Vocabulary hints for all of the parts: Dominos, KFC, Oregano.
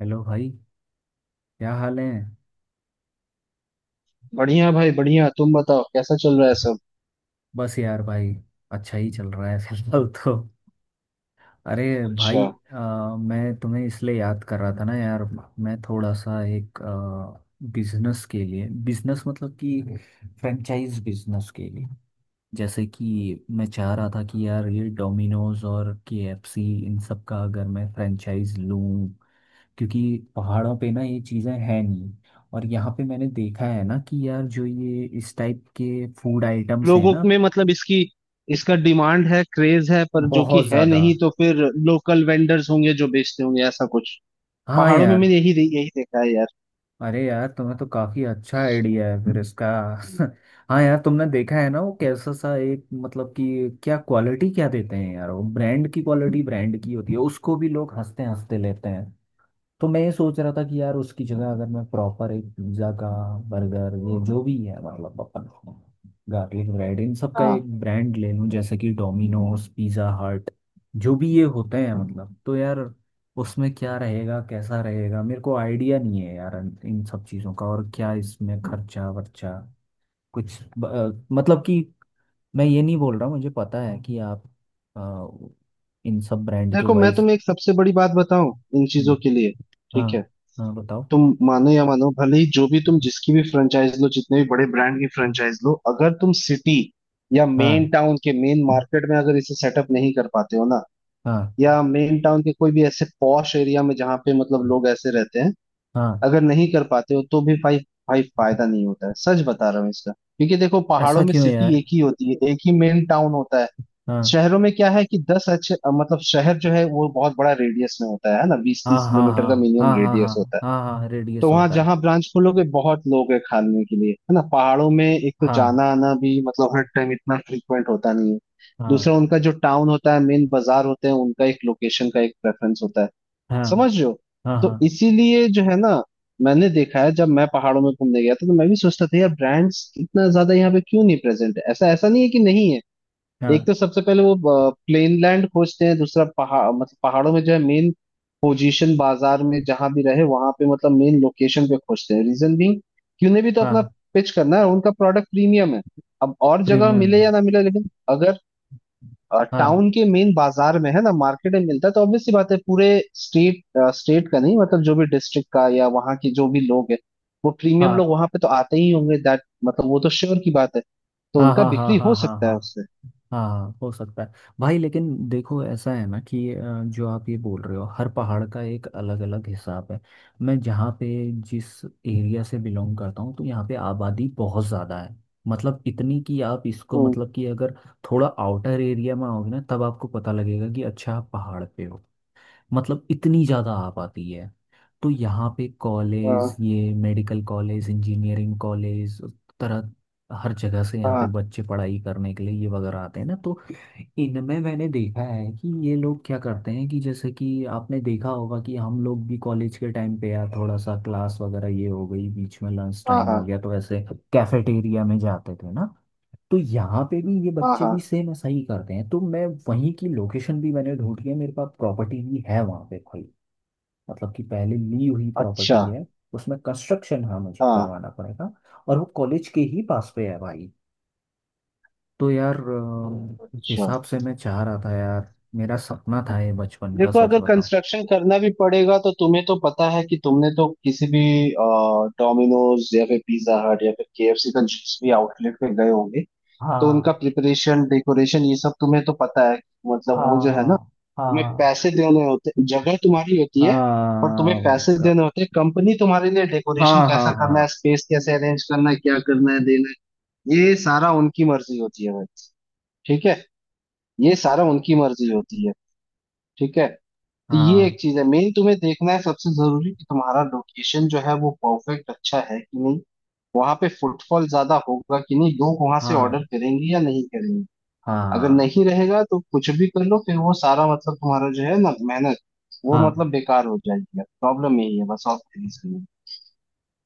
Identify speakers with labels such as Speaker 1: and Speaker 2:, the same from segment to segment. Speaker 1: Hello भाई। क्या हाल है।
Speaker 2: बढ़िया भाई, बढ़िया। तुम बताओ कैसा चल रहा है सब?
Speaker 1: बस यार भाई, अच्छा ही चल रहा है फिलहाल तो। अरे
Speaker 2: अच्छा।
Speaker 1: भाई, मैं तुम्हें इसलिए याद कर रहा था ना यार। मैं थोड़ा सा एक बिजनेस के लिए, बिजनेस मतलब कि फ्रेंचाइज बिजनेस के लिए। जैसे कि मैं चाह रहा था कि यार ये डोमिनोज और केएफसी इन सब का अगर मैं फ्रेंचाइज लूँ, क्योंकि पहाड़ों पे ना ये चीज़ें हैं नहीं। और यहाँ पे मैंने देखा है ना कि यार जो ये इस टाइप के फूड आइटम्स हैं
Speaker 2: लोगों
Speaker 1: ना,
Speaker 2: में मतलब इसकी, इसका डिमांड है, क्रेज है, पर जो
Speaker 1: बहुत
Speaker 2: कि है
Speaker 1: ज़्यादा।
Speaker 2: नहीं। तो फिर लोकल वेंडर्स होंगे जो बेचते होंगे ऐसा कुछ।
Speaker 1: हाँ
Speaker 2: पहाड़ों में
Speaker 1: यार।
Speaker 2: मैंने यही यही देखा है यार।
Speaker 1: अरे यार, तुम्हें तो काफ़ी अच्छा आइडिया है फिर इसका। हाँ यार, तुमने देखा है ना वो कैसा सा एक, मतलब कि क्या क्वालिटी क्या देते हैं यार। वो ब्रांड की क्वालिटी, ब्रांड की होती है, उसको भी लोग हंसते हंसते लेते हैं। तो मैं ये सोच रहा था कि यार उसकी जगह अगर मैं प्रॉपर एक पिज्ज़ा का, बर्गर, ये जो भी है मतलब अपन, गार्लिक ब्रेड इन सब का
Speaker 2: हाँ,
Speaker 1: एक ब्रांड ले लूं, जैसे कि डोमिनोज, पिज़्ज़ा हट, जो भी ये होते हैं मतलब। तो यार उसमें क्या रहेगा, कैसा रहेगा, मेरे को आइडिया नहीं है यार इन इन सब चीज़ों का। और क्या इसमें खर्चा वर्चा, मतलब कि मैं ये नहीं बोल रहा हूँ, मुझे पता है कि आप, अ, इन सब ब्रांड के
Speaker 2: देखो मैं
Speaker 1: वाइज।
Speaker 2: तुम्हें एक सबसे बड़ी बात बताऊं। इन चीजों के लिए, ठीक है।
Speaker 1: हाँ। हाँ बताओ।
Speaker 2: तुम मानो या मानो, भले ही जो भी तुम जिसकी भी फ्रेंचाइज लो, जितने भी बड़े ब्रांड की फ्रेंचाइज लो, अगर तुम सिटी या मेन
Speaker 1: हाँ।
Speaker 2: टाउन के मेन मार्केट में अगर इसे सेटअप नहीं कर पाते हो ना,
Speaker 1: हाँ।
Speaker 2: या मेन टाउन के कोई भी ऐसे पॉश एरिया में जहाँ पे मतलब लोग ऐसे रहते हैं,
Speaker 1: हाँ।
Speaker 2: अगर नहीं कर पाते हो तो भी भाई, भाई फायदा नहीं होता है। सच बता रहा हूँ इसका, क्योंकि देखो पहाड़ों
Speaker 1: ऐसा
Speaker 2: में
Speaker 1: क्यों
Speaker 2: सिटी
Speaker 1: यार।
Speaker 2: एक ही होती है, एक ही मेन टाउन होता है।
Speaker 1: हाँ
Speaker 2: शहरों में क्या है कि 10 अच्छे शहर जो है वो बहुत बड़ा रेडियस में होता है ना? बीस
Speaker 1: हाँ
Speaker 2: तीस
Speaker 1: हाँ
Speaker 2: किलोमीटर का
Speaker 1: हाँ
Speaker 2: मिनिमम
Speaker 1: हाँ हाँ।
Speaker 2: रेडियस
Speaker 1: हाँ
Speaker 2: होता है।
Speaker 1: हाँ हाँ, हाँ,
Speaker 2: तो
Speaker 1: रेडियस
Speaker 2: वहां
Speaker 1: होता है।
Speaker 2: जहां ब्रांच खोलोगे बहुत लोग है खाने के लिए, है ना? पहाड़ों में एक तो
Speaker 1: हाँ।
Speaker 2: जाना आना भी मतलब हर टाइम इतना फ्रीक्वेंट होता नहीं है। दूसरा
Speaker 1: हाँ।
Speaker 2: उनका जो टाउन होता है, मेन बाजार होते हैं उनका, एक लोकेशन का एक प्रेफरेंस होता है।
Speaker 1: हाँ।
Speaker 2: समझ रहे हो?
Speaker 1: हाँ। हाँ।
Speaker 2: तो इसीलिए जो है ना, मैंने देखा है जब मैं पहाड़ों में घूमने गया था तो मैं भी सोचता था यार ब्रांड्स इतना ज्यादा यहाँ पे क्यों नहीं प्रेजेंट है। ऐसा ऐसा नहीं है कि नहीं है।
Speaker 1: हाँ।
Speaker 2: एक तो सबसे पहले वो प्लेन लैंड खोजते हैं, दूसरा पहाड़ मतलब पहाड़ों में जो है मेन पोजीशन बाजार में जहां भी रहे वहां पे, मतलब मेन लोकेशन पे खोजते हैं। रीजन भी कि उन्हें भी तो अपना
Speaker 1: हाँ
Speaker 2: पिच करना है, उनका प्रोडक्ट प्रीमियम है। अब और जगह
Speaker 1: प्रीमियम
Speaker 2: मिले
Speaker 1: है।
Speaker 2: या ना मिले, लेकिन अगर
Speaker 1: हाँ।
Speaker 2: टाउन के मेन बाजार में है ना, मार्केट में मिलता है, तो ऑब्वियस सी बात है पूरे स्टेट स्टेट का नहीं, मतलब जो भी डिस्ट्रिक्ट का या वहाँ के जो भी लोग है, वो प्रीमियम
Speaker 1: हाँ।
Speaker 2: लोग वहां पे तो आते ही होंगे, दैट मतलब वो तो श्योर की बात है। तो
Speaker 1: हाँ
Speaker 2: उनका
Speaker 1: हाँ हाँ
Speaker 2: बिक्री हो
Speaker 1: हाँ हाँ
Speaker 2: सकता है
Speaker 1: हाँ।
Speaker 2: उससे।
Speaker 1: हाँ हाँ, हो सकता है। भाई लेकिन देखो ऐसा है ना कि जो आप ये बोल रहे हो, हर पहाड़ का एक अलग अलग हिसाब है। मैं जहाँ पे, जिस एरिया से बिलोंग करता हूँ, तो यहाँ पे आबादी बहुत ज़्यादा है। मतलब इतनी कि आप इसको
Speaker 2: हम्म,
Speaker 1: मतलब कि अगर थोड़ा आउटर एरिया में आओगे ना, तब आपको पता लगेगा कि अच्छा आप पहाड़ पे हो। मतलब इतनी ज़्यादा आ पाती है। तो यहाँ पे कॉलेज,
Speaker 2: हाँ।
Speaker 1: ये मेडिकल कॉलेज, इंजीनियरिंग कॉलेज तरह हर जगह से यहाँ पे
Speaker 2: हाँ,
Speaker 1: बच्चे पढ़ाई करने के लिए ये वगैरह आते हैं ना। तो इनमें मैंने देखा है कि ये लोग क्या करते हैं कि जैसे कि आपने देखा होगा कि हम लोग भी कॉलेज के टाइम पे यार थोड़ा सा क्लास वगैरह ये हो गई, बीच में लंच
Speaker 2: हाँ,
Speaker 1: टाइम हो
Speaker 2: हाँ,
Speaker 1: गया, तो ऐसे कैफेटेरिया में जाते थे ना। तो यहाँ पे भी ये
Speaker 2: हाँ, हाँ,
Speaker 1: बच्चे
Speaker 2: हाँ, हाँ, हाँ, हाँ, हाँ, हाँ, हाँ, हाँ, हाँ, हाँ, हाँ, हाँ,
Speaker 1: भी
Speaker 2: हाँ।
Speaker 1: सेम ऐसा ही करते हैं। तो मैं वहीं की लोकेशन भी मैंने ढूंढ ली है, मेरे पास प्रॉपर्टी भी है वहाँ पे भाई। मतलब कि पहले ली हुई
Speaker 2: अच्छा।
Speaker 1: प्रॉपर्टी है। उसमें कंस्ट्रक्शन हाँ मुझे
Speaker 2: हाँ।
Speaker 1: करवाना पड़ेगा। और वो कॉलेज के ही पास पे है भाई। तो यार इस
Speaker 2: अच्छा,
Speaker 1: हिसाब से मैं चाह रहा था यार, मेरा सपना था ये बचपन का,
Speaker 2: देखो
Speaker 1: सच
Speaker 2: अगर
Speaker 1: बताऊं।
Speaker 2: कंस्ट्रक्शन करना भी पड़ेगा तो तुम्हें तो पता है कि तुमने तो किसी भी डोमिनोज या फिर पिज्जा हट या फिर केएफसी का जिस भी आउटलेट पे गए होंगे तो उनका
Speaker 1: हाँ।
Speaker 2: प्रिपरेशन, डेकोरेशन, ये सब तुम्हें तो पता है। मतलब वो जो है ना,
Speaker 1: हाँ।
Speaker 2: तुम्हें
Speaker 1: हाँ।
Speaker 2: पैसे देने होते, जगह तुम्हारी होती है, और
Speaker 1: हाँ
Speaker 2: तुम्हें पैसे
Speaker 1: उसका-।
Speaker 2: देने होते हैं। कंपनी तुम्हारे लिए
Speaker 1: हाँ
Speaker 2: डेकोरेशन
Speaker 1: हाँ
Speaker 2: कैसा
Speaker 1: हाँ।
Speaker 2: करना है, स्पेस कैसे अरेंज करना है, क्या करना है, देना है, ये सारा उनकी मर्जी होती है भाई। ठीक है? ये सारा उनकी मर्जी होती है, ठीक है। तो ये
Speaker 1: हाँ
Speaker 2: एक चीज है मेन तुम्हें देखना है सबसे जरूरी, कि तुम्हारा लोकेशन जो है वो परफेक्ट अच्छा है कि नहीं, वहां पे फुटफॉल ज्यादा होगा कि नहीं, लोग वहां से
Speaker 1: हाँ
Speaker 2: ऑर्डर करेंगे या नहीं करेंगे। अगर
Speaker 1: हाँ।
Speaker 2: नहीं रहेगा तो कुछ भी कर लो, फिर वो सारा मतलब तुम्हारा जो है ना मेहनत, वो
Speaker 1: हाँ।
Speaker 2: मतलब बेकार हो जाएगी। प्रॉब्लम यही है बस, और कोई रीजन नहीं।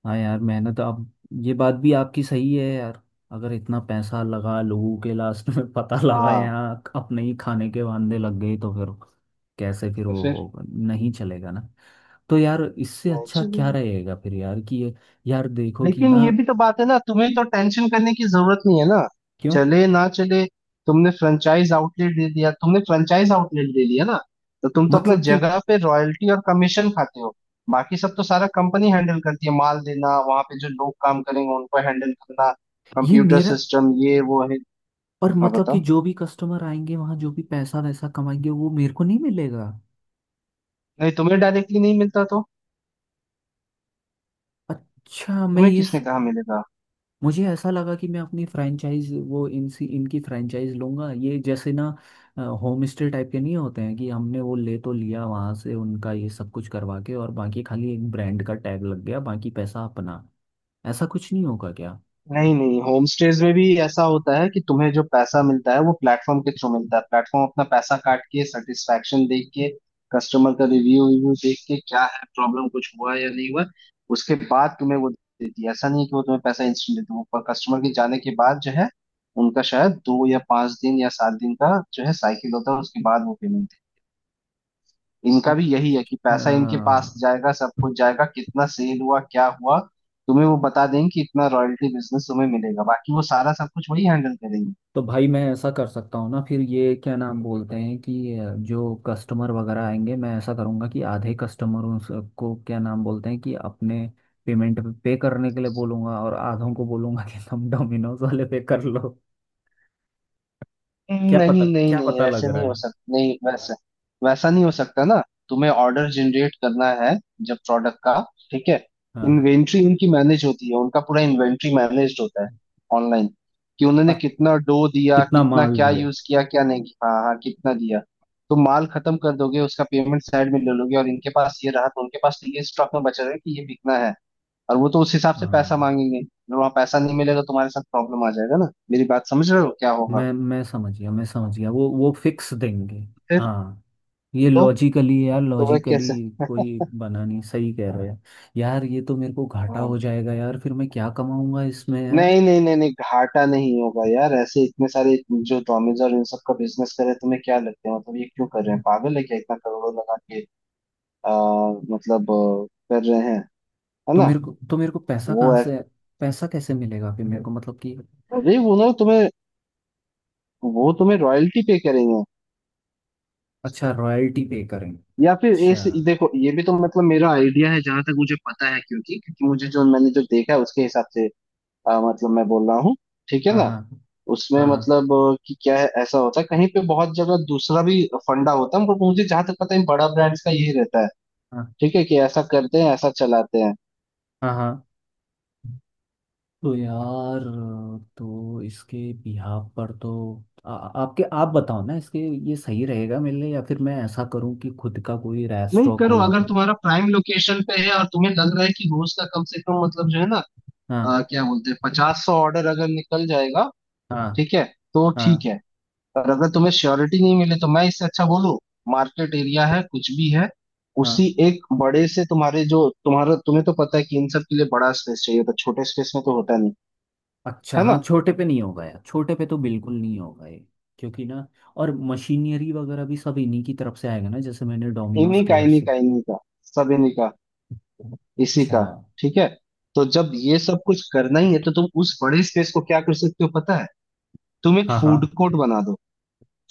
Speaker 1: हाँ यार मेहनत आप, ये बात भी आपकी सही है यार। अगर इतना पैसा लगा लोगों के, लास्ट में पता लगा
Speaker 2: हाँ।
Speaker 1: यहाँ अपने ही खाने के वांदे लग गए, तो फिर कैसे फिर
Speaker 2: तो
Speaker 1: वो
Speaker 2: फिर
Speaker 1: होगा। नहीं चलेगा ना। तो यार इससे अच्छा
Speaker 2: चलो।
Speaker 1: क्या रहेगा फिर यार कि ये, यार देखो कि
Speaker 2: लेकिन
Speaker 1: ना।
Speaker 2: ये भी तो बात है ना, तुम्हें तो टेंशन करने की जरूरत नहीं है ना।
Speaker 1: क्यों।
Speaker 2: चले ना चले, तुमने फ्रेंचाइज आउटलेट दे दिया, तुमने फ्रेंचाइज आउटलेट दे दिया ना, तो तुम तो अपना
Speaker 1: मतलब कि
Speaker 2: जगह पे रॉयल्टी और कमीशन खाते हो। बाकी सब तो सारा कंपनी हैंडल करती है, माल देना, वहां पे जो लोग काम करेंगे उनको हैंडल करना,
Speaker 1: ये
Speaker 2: कंप्यूटर
Speaker 1: मेरा,
Speaker 2: सिस्टम, ये वो है।
Speaker 1: और
Speaker 2: हाँ
Speaker 1: मतलब कि
Speaker 2: बताओ।
Speaker 1: जो भी कस्टमर आएंगे वहाँ, जो भी पैसा वैसा कमाएंगे, वो मेरे को नहीं मिलेगा।
Speaker 2: नहीं, तुम्हें डायरेक्टली नहीं मिलता तो
Speaker 1: अच्छा मैं
Speaker 2: तुम्हें किसने कहा मिलेगा?
Speaker 1: मुझे ऐसा लगा कि मैं अपनी फ्रैंचाइज वो इनसी इनकी फ्रैंचाइज लूंगा, ये जैसे ना होम स्टे टाइप के नहीं होते हैं कि हमने वो ले तो लिया वहां से, उनका ये सब कुछ करवा के और बाकी खाली एक ब्रांड का टैग लग गया, बाकी पैसा अपना। ऐसा कुछ नहीं होगा क्या।
Speaker 2: नहीं नहीं, होम स्टेज में भी ऐसा होता है कि तुम्हें जो पैसा मिलता है वो प्लेटफॉर्म के थ्रू मिलता है। प्लेटफॉर्म अपना पैसा काट के, सेटिस्फेक्शन देख के, कस्टमर का रिव्यू रिव्यू देख के, क्या है प्रॉब्लम कुछ हुआ या नहीं हुआ, उसके बाद तुम्हें वो देती है। ऐसा नहीं है कि वो तुम्हें पैसा इंस्टेंट देती है। वो पर कस्टमर के जाने के बाद जो है, उनका शायद 2 या 5 दिन या 7 दिन का जो है साइकिल होता है, उसके बाद वो पेमेंट। इनका भी यही है कि
Speaker 1: अच्छा।
Speaker 2: पैसा इनके पास जाएगा, सब कुछ जाएगा, कितना सेल हुआ, क्या हुआ, तुम्हें वो बता देंगे कि इतना रॉयल्टी बिजनेस तुम्हें मिलेगा, बाकी वो सारा सब कुछ वही हैंडल करेंगे।
Speaker 1: तो भाई मैं ऐसा कर सकता हूँ ना फिर, ये क्या नाम बोलते हैं कि जो कस्टमर वगैरह आएंगे, मैं ऐसा करूँगा कि आधे कस्टमरों को क्या नाम बोलते हैं कि अपने पेमेंट पे करने के लिए बोलूँगा, और आधों को बोलूँगा कि तुम डोमिनोज वाले पे कर लो। क्या पता,
Speaker 2: नहीं नहीं
Speaker 1: क्या
Speaker 2: नहीं,
Speaker 1: पता लग
Speaker 2: वैसे
Speaker 1: रहा
Speaker 2: नहीं हो
Speaker 1: है।
Speaker 2: सकता, नहीं वैसे, वैसा नहीं हो सकता ना। तुम्हें ऑर्डर जनरेट करना है जब प्रोडक्ट का, ठीक है।
Speaker 1: हाँ।
Speaker 2: इन्वेंट्री उनकी मैनेज होती है, उनका पूरा इन्वेंट्री मैनेज होता है ऑनलाइन, कि उन्होंने
Speaker 1: अ-
Speaker 2: कितना डो दिया,
Speaker 1: कितना
Speaker 2: कितना
Speaker 1: माल
Speaker 2: क्या
Speaker 1: दिया।
Speaker 2: यूज किया, क्या नहीं किया। हाँ हाँ, कितना दिया। तो माल खत्म कर दोगे, उसका पेमेंट साइड में ले लोगे, और इनके पास ये रहा तो उनके पास तो ये स्टॉक में बचा रहेगा कि ये बिकना है, और वो तो उस हिसाब से पैसा
Speaker 1: हाँ।
Speaker 2: मांगेंगे। वहां पैसा नहीं मिलेगा तो तुम्हारे साथ प्रॉब्लम आ जाएगा ना। मेरी बात समझ रहे हो क्या होगा
Speaker 1: मैं समझ गया, मैं समझ गया, वो फिक्स देंगे।
Speaker 2: फिर?
Speaker 1: हाँ, ये
Speaker 2: तो
Speaker 1: लॉजिकली यार,
Speaker 2: तो वह
Speaker 1: लॉजिकली
Speaker 2: कैसे।
Speaker 1: कोई बना नहीं, सही कह रहे हैं। यार ये तो मेरे को घाटा
Speaker 2: हाँ।
Speaker 1: हो जाएगा यार, फिर मैं क्या कमाऊंगा इसमें यार।
Speaker 2: नहीं नहीं नहीं नहीं, घाटा नहीं होगा यार। ऐसे इतने सारे जो डोमिनोज और इन सब का बिजनेस करे, तुम्हें क्या लगता है मतलब ये क्यों कर रहे हैं? पागल है क्या इतना करोड़ों लगा के? आ, मतलब अ, कर रहे हैं, है ना।
Speaker 1: तो मेरे को पैसा
Speaker 2: वो
Speaker 1: कहाँ
Speaker 2: है,
Speaker 1: से, पैसा कैसे मिलेगा फिर मेरे को, मतलब कि।
Speaker 2: अरे वो ना तुम्हें, वो तुम्हें रॉयल्टी पे करेंगे।
Speaker 1: अच्छा रॉयल्टी पे करें,
Speaker 2: या फिर
Speaker 1: अच्छा।
Speaker 2: इस देखो, ये भी तो मतलब मेरा आइडिया है जहां तक मुझे पता है, क्योंकि क्योंकि मुझे जो मैंने जो देखा है उसके हिसाब से मैं बोल रहा हूँ, ठीक है
Speaker 1: हाँ
Speaker 2: ना।
Speaker 1: हाँ।
Speaker 2: उसमें
Speaker 1: हाँ। हाँ
Speaker 2: मतलब कि क्या है, ऐसा होता है कहीं पे बहुत जगह, दूसरा भी फंडा होता है, पर मुझे जहां तक पता है इन बड़ा ब्रांड्स का यही रहता है,
Speaker 1: हाँ
Speaker 2: ठीक है, कि ऐसा करते हैं, ऐसा चलाते हैं।
Speaker 1: हाँ हाँ। तो यार, तो इसके बिहाव पर तो आपके आप बताओ ना इसके, ये सही रहेगा मेरे लिए या फिर मैं ऐसा करूं कि खुद का कोई
Speaker 2: नहीं,
Speaker 1: रेस्टोरेंट
Speaker 2: करो
Speaker 1: खोल
Speaker 2: अगर
Speaker 1: के।
Speaker 2: तुम्हारा प्राइम लोकेशन पे है और तुम्हें लग रहा है कि रोज का कम से कम मतलब जो है ना,
Speaker 1: हाँ।
Speaker 2: क्या बोलते हैं, 50-100 ऑर्डर अगर निकल जाएगा,
Speaker 1: हाँ।
Speaker 2: ठीक है, तो ठीक
Speaker 1: हाँ।
Speaker 2: है। और अगर तुम्हें श्योरिटी नहीं मिले तो मैं इससे अच्छा बोलूं, मार्केट एरिया है कुछ भी है,
Speaker 1: हाँ।
Speaker 2: उसी एक बड़े से तुम्हारे जो तुम्हारा, तुम्हें तो पता है कि इन सब के लिए बड़ा स्पेस चाहिए, तो छोटे स्पेस में तो होता नहीं,
Speaker 1: अच्छा
Speaker 2: है
Speaker 1: हाँ
Speaker 2: ना।
Speaker 1: छोटे पे नहीं होगा यार, छोटे पे तो बिल्कुल नहीं होगा ये। क्योंकि ना, और मशीनरी वगैरह भी सब इन्हीं की तरफ से आएगा ना, जैसे मैंने डोमिनोज
Speaker 2: इन्हीं का, इन्हीं
Speaker 1: केएफसी।
Speaker 2: का, इन्हीं का, सब इन्हीं का, इसी
Speaker 1: अच्छा।
Speaker 2: का। ठीक है। तो जब ये सब कुछ करना ही है तो तुम उस बड़े स्पेस को क्या कर सकते हो पता है, तुम एक
Speaker 1: हाँ
Speaker 2: फूड
Speaker 1: हाँ।
Speaker 2: कोर्ट बना दो।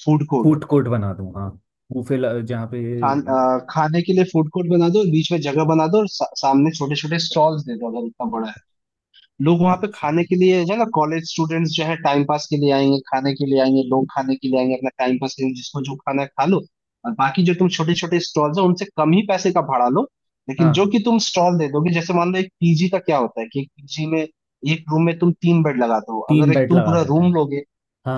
Speaker 2: फूड कोर्ट,
Speaker 1: फूड कोर्ट बना दूँ हाँ। जहाँ पे।
Speaker 2: खाने के लिए फूड कोर्ट बना दो, बीच में जगह बना दो और सामने छोटे छोटे स्टॉल्स दे दो अगर इतना बड़ा। लोग वहां पे
Speaker 1: अच्छा।
Speaker 2: खाने के लिए जो है ना, कॉलेज स्टूडेंट्स जो है टाइम पास के लिए आएंगे, खाने के लिए आएंगे, लोग खाने के लिए आएंगे अपना टाइम पास करेंगे, जिसको जो खाना है खा लो। और बाकी जो तुम छोटे छोटे स्टॉल्स है उनसे कम ही पैसे का भाड़ा लो, लेकिन जो
Speaker 1: हाँ
Speaker 2: कि तुम स्टॉल दे दोगे। जैसे मान लो एक पीजी का क्या होता है कि एक पीजी में एक रूम में तुम 3 बेड लगाते हो।
Speaker 1: तीन
Speaker 2: अगर एक
Speaker 1: बेड
Speaker 2: तुम
Speaker 1: लगा
Speaker 2: पूरा
Speaker 1: देते
Speaker 2: रूम
Speaker 1: हैं।
Speaker 2: लोगे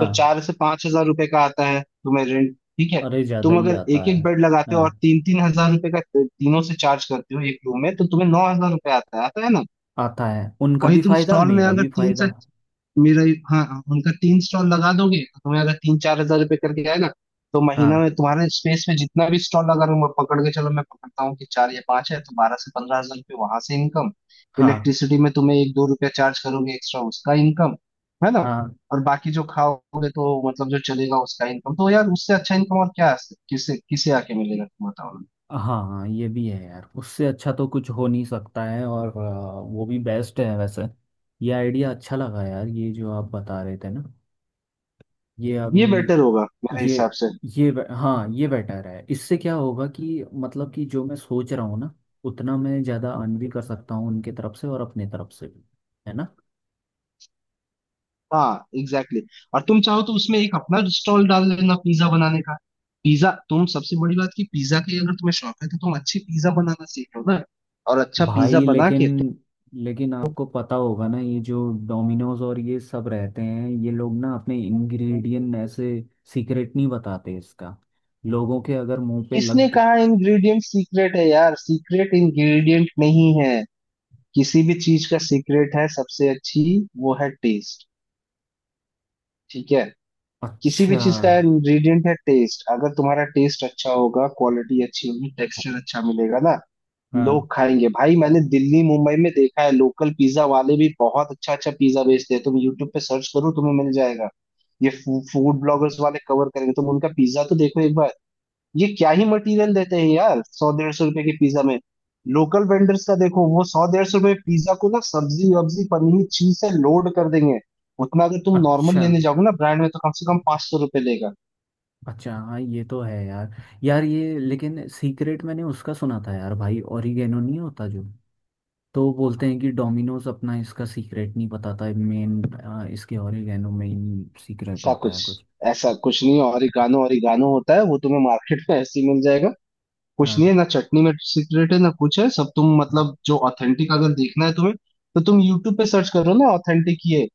Speaker 2: तो 4 से 5 हज़ार रुपए का आता है तुम्हें रेंट, ठीक है।
Speaker 1: अरे ज़्यादा
Speaker 2: तुम
Speaker 1: ही
Speaker 2: अगर
Speaker 1: आता
Speaker 2: एक एक
Speaker 1: है।
Speaker 2: बेड लगाते हो
Speaker 1: हाँ
Speaker 2: और 3-3 हज़ार रुपए का तीनों से चार्ज करते हो एक रूम में, तो तुम्हें 9 हज़ार रुपए आता है, आता है ना।
Speaker 1: आता है, उनका
Speaker 2: वही
Speaker 1: भी
Speaker 2: तुम
Speaker 1: फायदा
Speaker 2: स्टॉल में
Speaker 1: मेरा
Speaker 2: अगर
Speaker 1: भी
Speaker 2: तीन से,
Speaker 1: फायदा।
Speaker 2: मेरा, हाँ, उनका 3 स्टॉल लगा दोगे तो तुम्हें अगर 3-4 हज़ार रुपये करके आए ना, तो महीना
Speaker 1: हाँ
Speaker 2: में तुम्हारे स्पेस में जितना भी स्टॉल लगा लूंगा, पकड़ के चलो मैं पकड़ता हूँ कि 4 या 5 है, तो 12 से 15 हज़ार रुपये वहां से इनकम।
Speaker 1: हाँ
Speaker 2: इलेक्ट्रिसिटी में तुम्हें 1-2 रुपया चार्ज करोगे एक्स्ट्रा, उसका इनकम, है ना।
Speaker 1: हाँ
Speaker 2: और बाकी जो खाओगे तो मतलब जो चलेगा उसका इनकम। तो यार उससे अच्छा इनकम और क्या है? किसे किसे आके मिलेगा, तुम बताओ ना।
Speaker 1: हाँ। हाँ ये भी है यार, उससे अच्छा तो कुछ हो नहीं सकता है। और वो भी बेस्ट है वैसे। ये आइडिया अच्छा लगा यार, ये जो आप बता रहे थे ना, ये अभी,
Speaker 2: ये बेटर होगा मेरे
Speaker 1: ये
Speaker 2: हिसाब से।
Speaker 1: हाँ, ये बेटर है। इससे क्या होगा कि मतलब कि जो मैं सोच रहा हूँ ना, उतना मैं ज़्यादा अर्न भी कर सकता हूँ, उनके तरफ से और अपने तरफ से भी। है ना।
Speaker 2: हाँ एग्जैक्टली, exactly। और तुम चाहो तो उसमें एक अपना स्टॉल डाल लेना पिज्जा बनाने का। पिज्जा तुम, सबसे बड़ी बात की, पिज्जा की अगर तुम्हें शौक है तो तुम अच्छी पिज्जा बनाना सीख लो ना, और अच्छा पिज्जा
Speaker 1: भाई
Speaker 2: बना
Speaker 1: लेकिन
Speaker 2: के तुम।
Speaker 1: लेकिन आपको पता होगा ना, ये जो डोमिनोज और ये सब रहते हैं, ये लोग ना अपने इंग्रेडिएंट ऐसे सीक्रेट नहीं बताते इसका। लोगों के अगर मुंह पे लग
Speaker 2: किसने
Speaker 1: ग-
Speaker 2: कहा इंग्रेडिएंट सीक्रेट है यार? सीक्रेट इंग्रेडिएंट नहीं है। किसी भी चीज का सीक्रेट है सबसे अच्छी, वो है टेस्ट, ठीक है। किसी भी
Speaker 1: अच्छा।
Speaker 2: चीज का इंग्रेडिएंट है टेस्ट। अगर तुम्हारा टेस्ट अच्छा होगा, क्वालिटी अच्छी होगी, टेक्सचर अच्छा मिलेगा ना,
Speaker 1: हाँ।
Speaker 2: लोग खाएंगे भाई। मैंने दिल्ली मुंबई में देखा है लोकल पिज्जा वाले भी बहुत अच्छा अच्छा पिज्जा बेचते हैं। तुम यूट्यूब पे सर्च करो तुम्हें मिल जाएगा ये, फूड ब्लॉगर्स वाले कवर करेंगे, तुम उनका पिज्जा तो देखो एक बार। ये क्या ही मटेरियल देते हैं यार 100-150 रुपए के पिज्जा में। लोकल वेंडर्स का देखो, वो 100-150 रुपए पिज्जा को ना सब्जी वब्जी पनीर चीज से लोड कर देंगे। उतना अगर तुम नॉर्मल
Speaker 1: अच्छा।
Speaker 2: लेने जाओगे ना ब्रांड में तो कम से कम 500 रुपए लेगा।
Speaker 1: अच्छा हाँ ये तो है यार। यार ये लेकिन सीक्रेट मैंने उसका सुना था यार, भाई ओरिगेनो नहीं होता जो, तो वो बोलते हैं कि डोमिनोज अपना इसका सीक्रेट नहीं बताता, मेन इसके ओरिगेनो में ही सीक्रेट
Speaker 2: ऐसा
Speaker 1: होता
Speaker 2: कुछ,
Speaker 1: है कुछ।
Speaker 2: नहीं, और ओरिगानो ओरिगानो होता है, वो तुम्हें मार्केट में ऐसे ही मिल जाएगा। कुछ
Speaker 1: हाँ।
Speaker 2: नहीं है ना चटनी में सीक्रेट है ना कुछ है। सब तुम, मतलब जो ऑथेंटिक अगर देखना है तुम्हें, तो तुम यूट्यूब पे सर्च करो ना, ऑथेंटिक ये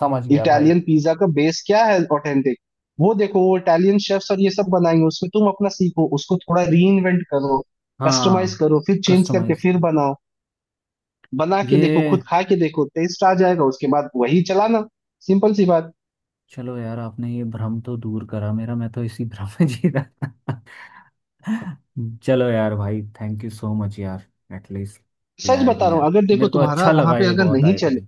Speaker 1: समझ गया भाई।
Speaker 2: इटालियन पिज्जा का बेस क्या है ऑथेंटिक। वो देखो, वो इटालियन शेफ्स और ये सब बनाएंगे, उसमें तुम अपना सीखो, उसको थोड़ा रीइन्वेंट करो, कस्टमाइज
Speaker 1: हाँ।
Speaker 2: करो, फिर चेंज करके
Speaker 1: कस्टमाइज
Speaker 2: फिर
Speaker 1: करो।
Speaker 2: बनाओ। बना के देखो,
Speaker 1: ये,
Speaker 2: खुद खा के देखो, टेस्ट आ जाएगा, उसके बाद वही चलाना। सिंपल सी बात।
Speaker 1: चलो यार आपने ये भ्रम तो दूर करा मेरा, मैं तो इसी भ्रम में जी रहा था। चलो यार भाई, थैंक यू सो मच यार। एटलीस्ट ये
Speaker 2: सच बता रहा हूँ,
Speaker 1: आइडिया
Speaker 2: अगर देखो
Speaker 1: मेरे को
Speaker 2: तुम्हारा
Speaker 1: अच्छा
Speaker 2: वहां
Speaker 1: लगा,
Speaker 2: पे
Speaker 1: ये
Speaker 2: अगर
Speaker 1: बहुत
Speaker 2: नहीं चले,
Speaker 1: आइडिया।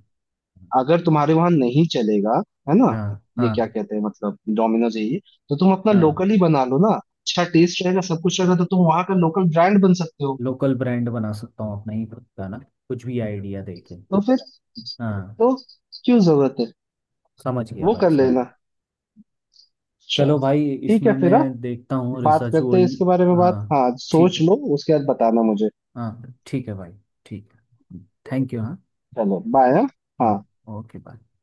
Speaker 2: अगर तुम्हारे वहां नहीं चलेगा, है ना,
Speaker 1: हाँ।
Speaker 2: ये
Speaker 1: हाँ।
Speaker 2: क्या कहते हैं मतलब डोमिनोज है ये, तो तुम अपना
Speaker 1: हाँ
Speaker 2: लोकल ही बना लो ना, अच्छा टेस्ट रहेगा, सब कुछ रहेगा, तो तुम वहां का लोकल ब्रांड बन सकते हो।
Speaker 1: लोकल ब्रांड बना सकता हूँ अपना ही खुद का ना, कुछ भी आइडिया देके।
Speaker 2: तो फिर,
Speaker 1: हाँ।
Speaker 2: तो क्यों जरूरत है,
Speaker 1: समझ गया
Speaker 2: वो
Speaker 1: भाई,
Speaker 2: कर
Speaker 1: समझ।
Speaker 2: लेना। अच्छा,
Speaker 1: चलो भाई,
Speaker 2: ठीक है
Speaker 1: इसमें
Speaker 2: फिर। हाँ
Speaker 1: मैं देखता हूँ,
Speaker 2: बात
Speaker 1: रिसर्च
Speaker 2: करते हैं
Speaker 1: हुई।
Speaker 2: इसके बारे में, बात
Speaker 1: हाँ।
Speaker 2: हाँ,
Speaker 1: ठीक।
Speaker 2: सोच लो उसके बाद बताना मुझे।
Speaker 1: हाँ ठीक है भाई। ठीक। Thank you. हाँ।
Speaker 2: चलो बाय। हाँ।
Speaker 1: हाँ।
Speaker 2: हाँ।
Speaker 1: Okay bye.